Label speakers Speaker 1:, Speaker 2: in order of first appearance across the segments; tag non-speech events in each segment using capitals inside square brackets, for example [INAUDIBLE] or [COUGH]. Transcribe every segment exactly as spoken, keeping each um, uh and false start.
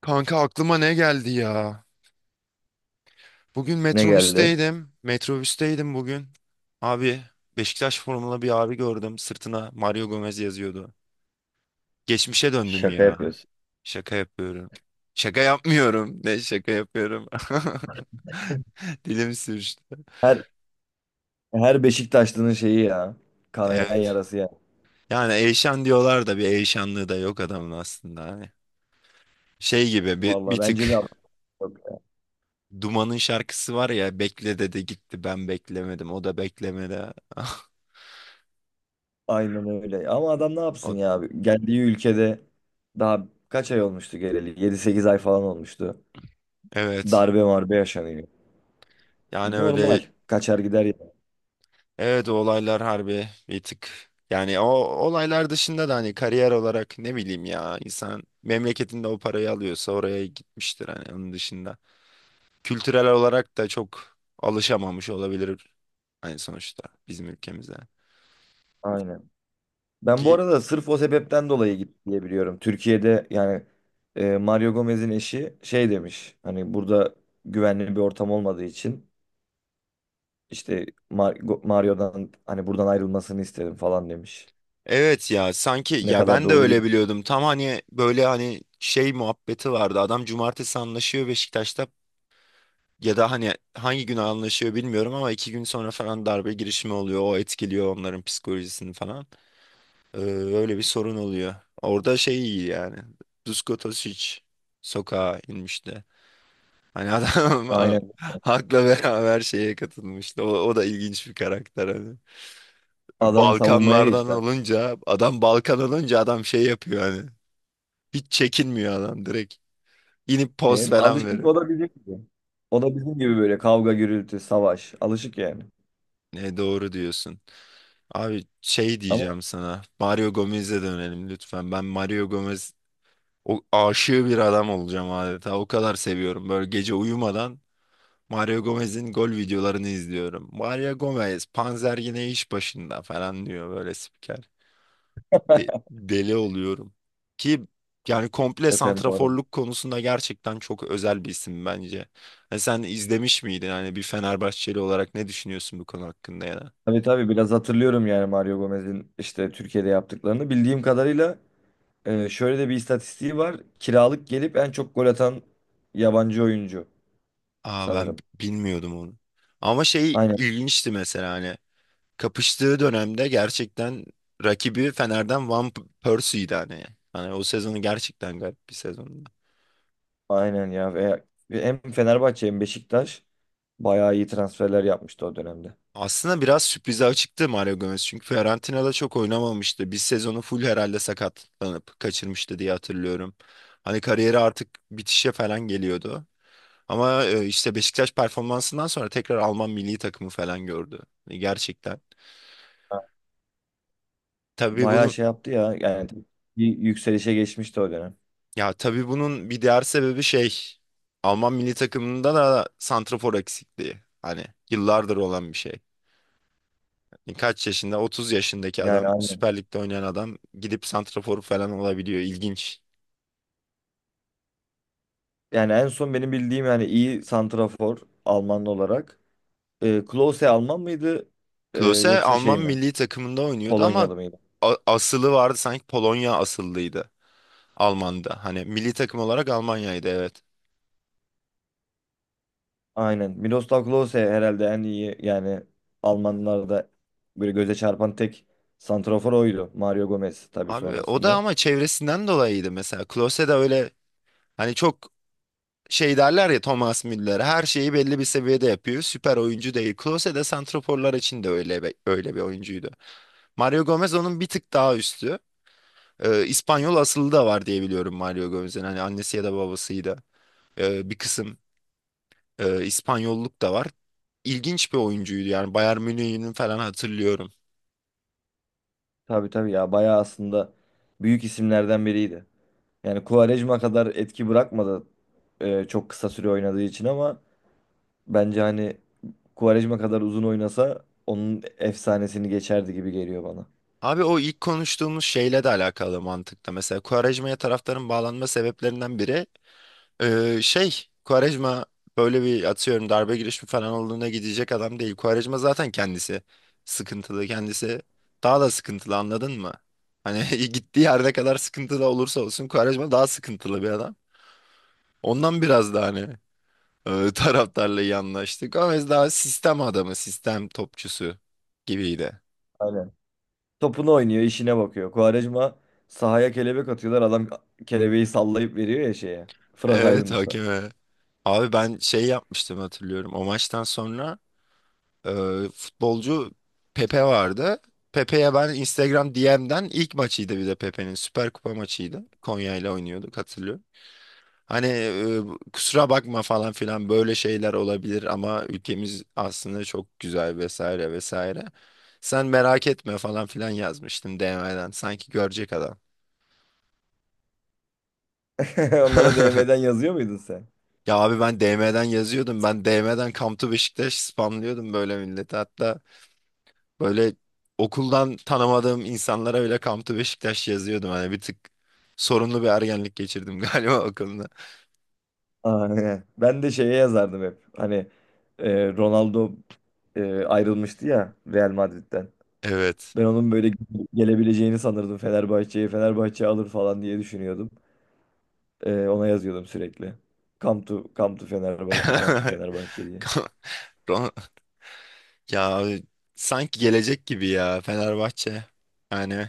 Speaker 1: Kanka aklıma ne geldi ya? Bugün
Speaker 2: Ne geldi?
Speaker 1: metrobüsteydim. Metrobüsteydim bugün. Abi Beşiktaş formalı bir abi gördüm. Sırtına Mario Gomez yazıyordu. Geçmişe döndüm
Speaker 2: Şaka
Speaker 1: ya.
Speaker 2: yapıyorsun.
Speaker 1: Şaka yapıyorum. Şaka yapmıyorum. Ne şaka yapıyorum. [LAUGHS] Dilim sürçtü.
Speaker 2: Her her Beşiktaşlı'nın şeyi ya. Kanayan
Speaker 1: Evet.
Speaker 2: yarası ya.
Speaker 1: Yani Eyşan diyorlar da bir Eyşanlığı da yok adamın aslında. Hani şey gibi bir,
Speaker 2: Vallahi
Speaker 1: bir tık
Speaker 2: bence de
Speaker 1: Duman'ın şarkısı var ya, bekle dedi gitti, ben beklemedim o da beklemedi. [LAUGHS]
Speaker 2: aynen öyle. Ama adam ne
Speaker 1: O,
Speaker 2: yapsın ya? Geldiği ülkede daha kaç ay olmuştu geleli? Yedi sekiz ay falan olmuştu.
Speaker 1: evet.
Speaker 2: Darbe marbe yaşanıyor.
Speaker 1: Yani öyle,
Speaker 2: Normal. Kaçar gider ya.
Speaker 1: evet, o olaylar harbi bir tık. Yani o olaylar dışında da hani kariyer olarak, ne bileyim ya, insan memleketinde o parayı alıyorsa oraya gitmiştir hani, onun dışında. Kültürel olarak da çok alışamamış olabilir, hani sonuçta bizim ülkemizde.
Speaker 2: Aynen. Ben bu
Speaker 1: Ki
Speaker 2: arada sırf o sebepten dolayı gitti diye biliyorum. Türkiye'de yani e, Mario Gomez'in eşi şey demiş. Hani burada güvenli bir ortam olmadığı için. İşte Mar- Go- Mario'dan hani buradan ayrılmasını istedim falan demiş.
Speaker 1: evet ya, sanki
Speaker 2: Ne
Speaker 1: ya,
Speaker 2: kadar
Speaker 1: ben de
Speaker 2: doğru bir
Speaker 1: öyle biliyordum tam, hani böyle hani şey muhabbeti vardı, adam cumartesi anlaşıyor Beşiktaş'ta. Ya da hani hangi gün anlaşıyor bilmiyorum ama iki gün sonra falan darbe girişimi oluyor. O etkiliyor onların psikolojisini falan. Ee, öyle bir sorun oluyor. Orada şey iyi yani. Dusko Tosic sokağa inmişti. Hani adam [LAUGHS] ha-
Speaker 2: aynen,
Speaker 1: halkla beraber şeye katılmıştı. O, o da ilginç bir karakter hani.
Speaker 2: adam savunmaya
Speaker 1: Balkanlardan
Speaker 2: geçti.
Speaker 1: olunca adam, Balkan olunca adam şey yapıyor hani. Hiç çekinmiyor adam, direkt İnip poz
Speaker 2: E,
Speaker 1: falan
Speaker 2: alışık o
Speaker 1: veriyor.
Speaker 2: da bizim gibi. O da bizim gibi böyle kavga gürültü savaş alışık yani.
Speaker 1: Ne doğru diyorsun. Abi şey
Speaker 2: Ama
Speaker 1: diyeceğim sana. Mario Gomez'e dönelim lütfen. Ben Mario Gomez o aşığı bir adam olacağım adeta. O kadar seviyorum. Böyle gece uyumadan Mario Gomez'in gol videolarını izliyorum. Mario Gomez, Panzer yine iş başında falan diyor böyle spiker. De- deli oluyorum. Ki yani komple
Speaker 2: öten bu arada.
Speaker 1: santraforluk konusunda gerçekten çok özel bir isim bence. Ha, sen izlemiş miydin? Hani bir Fenerbahçeli olarak ne düşünüyorsun bu konu hakkında ya?
Speaker 2: Tabii tabii biraz hatırlıyorum yani Mario Gomez'in işte Türkiye'de yaptıklarını. Bildiğim kadarıyla e, şöyle de bir istatistiği var. Kiralık gelip en çok gol atan yabancı oyuncu
Speaker 1: Aa, ben b-
Speaker 2: sanırım.
Speaker 1: bilmiyordum onu. Ama şey
Speaker 2: Aynen
Speaker 1: ilginçti mesela, hani kapıştığı dönemde gerçekten rakibi Fener'den Van P- Persie'ydi hani. Hani o sezonu gerçekten garip bir sezondu.
Speaker 2: Aynen ya. Ve ve hem Fenerbahçe hem Beşiktaş bayağı iyi transferler yapmıştı o dönemde.
Speaker 1: Aslında biraz sürprize açıktı Mario Gomez, çünkü Fiorentina'da çok oynamamıştı. Bir sezonu full herhalde sakatlanıp kaçırmıştı diye hatırlıyorum. Hani kariyeri artık bitişe falan geliyordu. Ama e, işte Beşiktaş performansından sonra tekrar Alman milli takımı falan gördü. Hani gerçekten.
Speaker 2: Ha,
Speaker 1: Tabii
Speaker 2: bayağı
Speaker 1: bunu
Speaker 2: şey yaptı ya yani, bir yükselişe geçmişti o dönem.
Speaker 1: Ya, tabii bunun bir diğer sebebi şey. Alman milli takımında da santrafor eksikliği. Hani yıllardır olan bir şey. Yani kaç yaşında? otuz yaşındaki
Speaker 2: Yani
Speaker 1: adam,
Speaker 2: aynen.
Speaker 1: Süper Lig'de oynayan adam gidip santrafor falan olabiliyor. İlginç.
Speaker 2: Yani en son benim bildiğim yani iyi santrafor Alman olarak. E, Klose Alman mıydı? E,
Speaker 1: Klose
Speaker 2: yoksa şey
Speaker 1: Alman
Speaker 2: mi?
Speaker 1: milli takımında oynuyordu ama
Speaker 2: Polonyalı mıydı?
Speaker 1: a- asılı vardı sanki, Polonya asıllıydı, Alman'da hani milli takım olarak Almanya'ydı, evet.
Speaker 2: Aynen. Miroslav Klose herhalde en iyi yani Almanlarda böyle göze çarpan tek santrafor oydu. Mario Gomez tabii
Speaker 1: Abi o da
Speaker 2: sonrasında.
Speaker 1: ama çevresinden dolayıydı mesela. Klose de öyle, hani çok şey derler ya, Thomas Müller her şeyi belli bir seviyede yapıyor, süper oyuncu değil. Klose de santraforlar için de öyle bir, öyle bir oyuncuydu. Mario Gomez onun bir tık daha üstü. Ee, İspanyol asıllı da var diye biliyorum Mario Gomez'in. Hani annesi ya da babasıydı. Ee, bir kısım e, İspanyolluk da var. İlginç bir oyuncuydu yani, Bayern Münih'in falan hatırlıyorum.
Speaker 2: Tabii tabii ya, bayağı aslında büyük isimlerden biriydi. Yani Quaresma kadar etki bırakmadı e, çok kısa süre oynadığı için ama bence hani Quaresma kadar uzun oynasa onun efsanesini geçerdi gibi geliyor bana.
Speaker 1: Abi o ilk konuştuğumuz şeyle de alakalı mantıkta. Mesela Quaresma'ya taraftarın bağlanma sebeplerinden biri, e, şey, Quaresma böyle bir, atıyorum, darbe girişimi falan olduğuna gidecek adam değil. Quaresma zaten kendisi sıkıntılı. Kendisi daha da sıkıntılı, anladın mı? Hani [LAUGHS] gittiği yerde kadar sıkıntılı olursa olsun Quaresma daha sıkıntılı bir adam. Ondan biraz da hani e, [LAUGHS] taraftarla iyi anlaştık. Ama biz daha sistem adamı, sistem topçusu gibiydi.
Speaker 2: Aynen. Topunu oynuyor, işine bakıyor. Quaresma sahaya kelebek atıyorlar. Adam kelebeği sallayıp veriyor ya şeye. Fırat
Speaker 1: Evet,
Speaker 2: Aydınus'a. [LAUGHS]
Speaker 1: hakeme. Abi ben şey yapmıştım hatırlıyorum. O maçtan sonra e, futbolcu Pepe vardı. Pepe'ye ben Instagram D M'den, ilk maçıydı bir de Pepe'nin, Süper Kupa maçıydı, Konya ile oynuyorduk hatırlıyorum. Hani e, kusura bakma falan filan, böyle şeyler olabilir ama ülkemiz aslında çok güzel vesaire vesaire, sen merak etme falan filan yazmıştım D M'den. Sanki görecek adam.
Speaker 2: Onlara D M'den
Speaker 1: [LAUGHS]
Speaker 2: yazıyor muydun sen?
Speaker 1: Ya abi, ben D M'den yazıyordum. Ben D M'den Come to Beşiktaş spamlıyordum böyle millete. Hatta böyle okuldan tanımadığım insanlara bile Kamtu Beşiktaş yazıyordum. Hani bir tık sorunlu bir ergenlik geçirdim [LAUGHS] galiba okulda.
Speaker 2: Aynen. Ben de şeye yazardım hep. Hani e, Ronaldo e, ayrılmıştı ya Real Madrid'den.
Speaker 1: Evet.
Speaker 2: Ben onun böyle gelebileceğini sanırdım Fenerbahçe'ye. Fenerbahçe alır falan diye düşünüyordum. E, ona yazıyordum sürekli. Come to, come to
Speaker 1: [LAUGHS]
Speaker 2: Fenerbahçe, come to Fenerbahçe diye.
Speaker 1: Ron- Ya abi, sanki gelecek gibi ya Fenerbahçe. Yani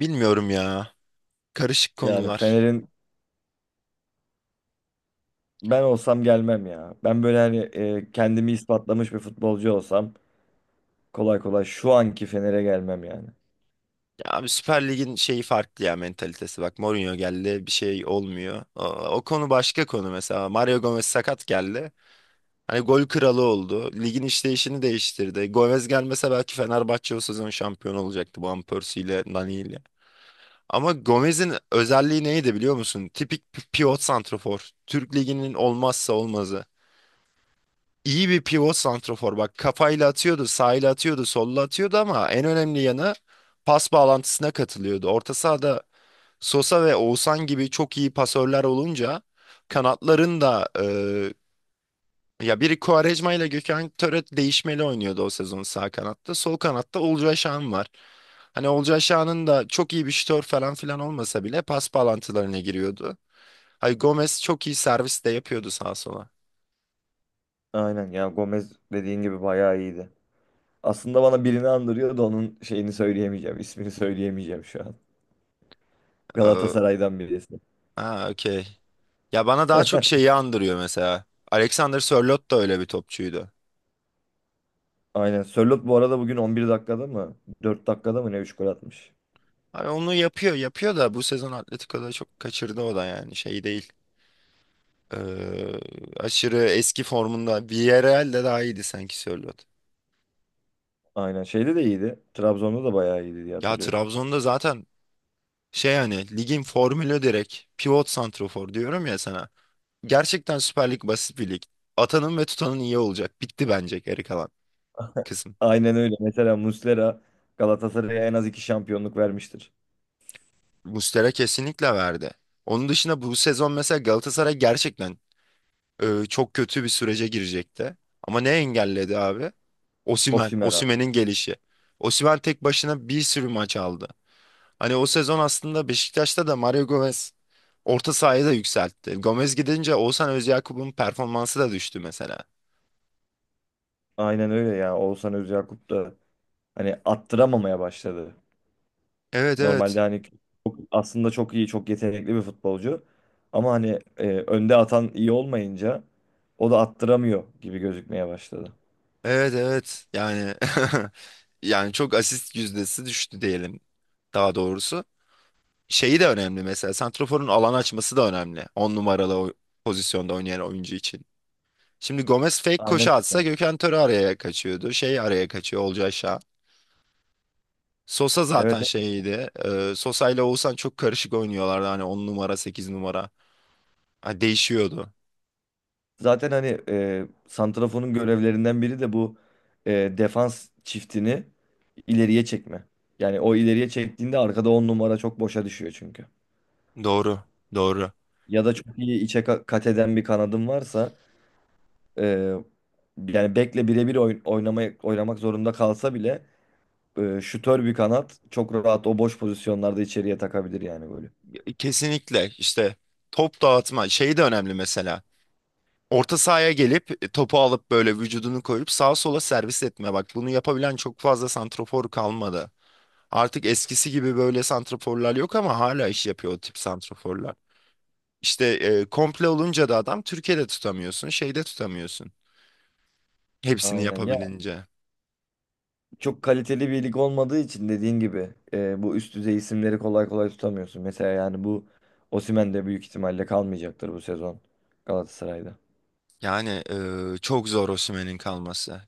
Speaker 1: bilmiyorum ya. Karışık
Speaker 2: Yani
Speaker 1: konular.
Speaker 2: Fener'in, ben olsam gelmem ya. Ben böyle hani e, kendimi ispatlamış bir futbolcu olsam kolay kolay şu anki Fener'e gelmem yani.
Speaker 1: Ya abi, Süper Lig'in şeyi farklı ya, mentalitesi. Bak Mourinho geldi, bir şey olmuyor. O, o konu başka konu mesela. Mario Gomez sakat geldi, hani gol kralı oldu, ligin işleyişini değiştirdi. Gomez gelmese belki Fenerbahçe o sezon şampiyon olacaktı Van Persie ile, Nani ile. Ama Gomez'in özelliği neydi biliyor musun? Tipik bir pivot santrafor. Türk Ligi'nin olmazsa olmazı. İyi bir pivot santrafor. Bak, kafayla atıyordu, sağıyla atıyordu, solla atıyordu ama en önemli yanı pas bağlantısına katılıyordu. Orta sahada Sosa ve Oğuzhan gibi çok iyi pasörler olunca, kanatların da... Ya biri Quaresma ile Gökhan Töre değişmeli oynuyordu o sezon sağ kanatta. Sol kanatta Olcay Şahan var. Hani Olcay Şahan'ın da çok iyi bir şutör falan filan olmasa bile pas bağlantılarına giriyordu. Hay Gomez çok iyi servis de yapıyordu sağa sola.
Speaker 2: Aynen ya, Gomez dediğin gibi bayağı iyiydi. Aslında bana birini andırıyor da onun şeyini söyleyemeyeceğim. İsmini söyleyemeyeceğim şu an.
Speaker 1: Ee,
Speaker 2: Galatasaray'dan birisi.
Speaker 1: ha okey. Ya bana daha çok şeyi andırıyor mesela. Alexander Sörloth da öyle bir topçuydu.
Speaker 2: Aynen. Sörloth bu arada bugün on bir dakikada mı, dört dakikada mı ne, üç gol atmış.
Speaker 1: Hani onu yapıyor yapıyor da bu sezon Atletico'da çok kaçırdı o da, yani şey değil. Ee, aşırı eski formunda. Villarreal'de daha iyiydi sanki Sörloth.
Speaker 2: Aynen. Şeyde de iyiydi. Trabzon'da da bayağı iyiydi diye
Speaker 1: Ya
Speaker 2: hatırlıyorum.
Speaker 1: Trabzon'da zaten şey, yani ligin formülü direkt pivot santrofor diyorum ya sana. Gerçekten Süper Lig basit bir lig. Atanın ve tutanın iyi olacak. Bitti bence geri kalan kısım.
Speaker 2: Aynen öyle. Mesela Muslera Galatasaray'a en az iki şampiyonluk vermiştir.
Speaker 1: Muslera kesinlikle verdi. Onun dışında bu sezon mesela Galatasaray gerçekten e, çok kötü bir sürece girecekti. Ama ne engelledi abi? Osimhen,
Speaker 2: Osimhen abi.
Speaker 1: Osimhen'in gelişi. Osimhen tek başına bir sürü maç aldı. Hani o sezon aslında Beşiktaş'ta da Mario Gomez orta sahayı da yükseltti. Gomez gidince Oğuzhan Özyakup'un performansı da düştü mesela.
Speaker 2: Aynen öyle ya. Oğuzhan Özyakup da hani attıramamaya başladı.
Speaker 1: Evet, evet.
Speaker 2: Normalde hani çok- aslında çok iyi, çok yetenekli bir futbolcu. Ama hani e, önde atan iyi olmayınca o da attıramıyor gibi gözükmeye başladı.
Speaker 1: Evet, evet. Yani [LAUGHS] yani çok asist yüzdesi düştü diyelim, daha doğrusu. Şeyi de önemli mesela, santraforun alan açması da önemli. On numaralı o pozisyonda oynayan oyuncu için. Şimdi Gomez fake
Speaker 2: Aynen
Speaker 1: koşu atsa
Speaker 2: öyle.
Speaker 1: Gökhan Töre araya kaçıyordu. Şey araya kaçıyor, Olcay Şah. Sosa
Speaker 2: Evet.
Speaker 1: zaten şeydi. E, Sosa ile Oğuzhan çok karışık oynuyorlardı. Hani on numara, sekiz numara. Ha, değişiyordu.
Speaker 2: Zaten hani e, santraforun görevlerinden biri de bu, e, defans çiftini ileriye çekme. Yani o ileriye çektiğinde arkada on numara çok boşa düşüyor çünkü.
Speaker 1: Doğru. Doğru.
Speaker 2: Ya da çok iyi içe ka- kat eden bir kanadın varsa, e, yani bekle birebir oyn- oynamaya oynamak zorunda kalsa bile, e, şutör bir kanat çok rahat o boş pozisyonlarda içeriye takabilir yani böyle.
Speaker 1: Kesinlikle işte, top dağıtma şey de önemli mesela. Orta sahaya gelip e, topu alıp böyle vücudunu koyup sağa sola servis etme. Bak bunu yapabilen çok fazla santrafor kalmadı. Artık eskisi gibi böyle santraforlar yok ama hala iş yapıyor o tip santraforlar. İşte e, komple olunca da adam, Türkiye'de tutamıyorsun, şeyde tutamıyorsun. Hepsini
Speaker 2: Aynen ya,
Speaker 1: yapabilince.
Speaker 2: çok kaliteli bir lig olmadığı için dediğin gibi, e, bu üst düzey isimleri kolay kolay tutamıyorsun. Mesela yani bu Osimhen de büyük ihtimalle kalmayacaktır bu sezon Galatasaray'da.
Speaker 1: Yani eee, çok zor Osimhen'in kalması.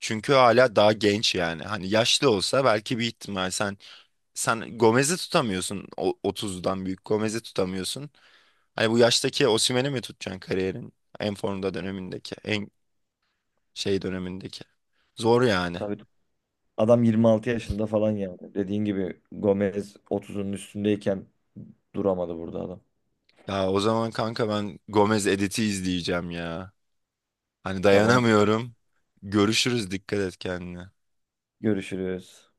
Speaker 1: Çünkü hala daha genç yani. Hani yaşlı olsa belki bir ihtimal. Sen sen Gomez'i tutamıyorsun. O, otuz'dan büyük Gomez'i tutamıyorsun. Hani bu yaştaki Osimhen'i mi tutacaksın, kariyerin en formda dönemindeki, en şey dönemindeki? Zor yani.
Speaker 2: Tabii adam yirmi altı yaşında falan yani. Dediğin gibi Gomez otuzun üstündeyken duramadı burada adam.
Speaker 1: Ya o zaman kanka ben Gomez editi izleyeceğim ya. Hani
Speaker 2: Tamam,
Speaker 1: dayanamıyorum. Görüşürüz. Dikkat et kendine.
Speaker 2: görüşürüz.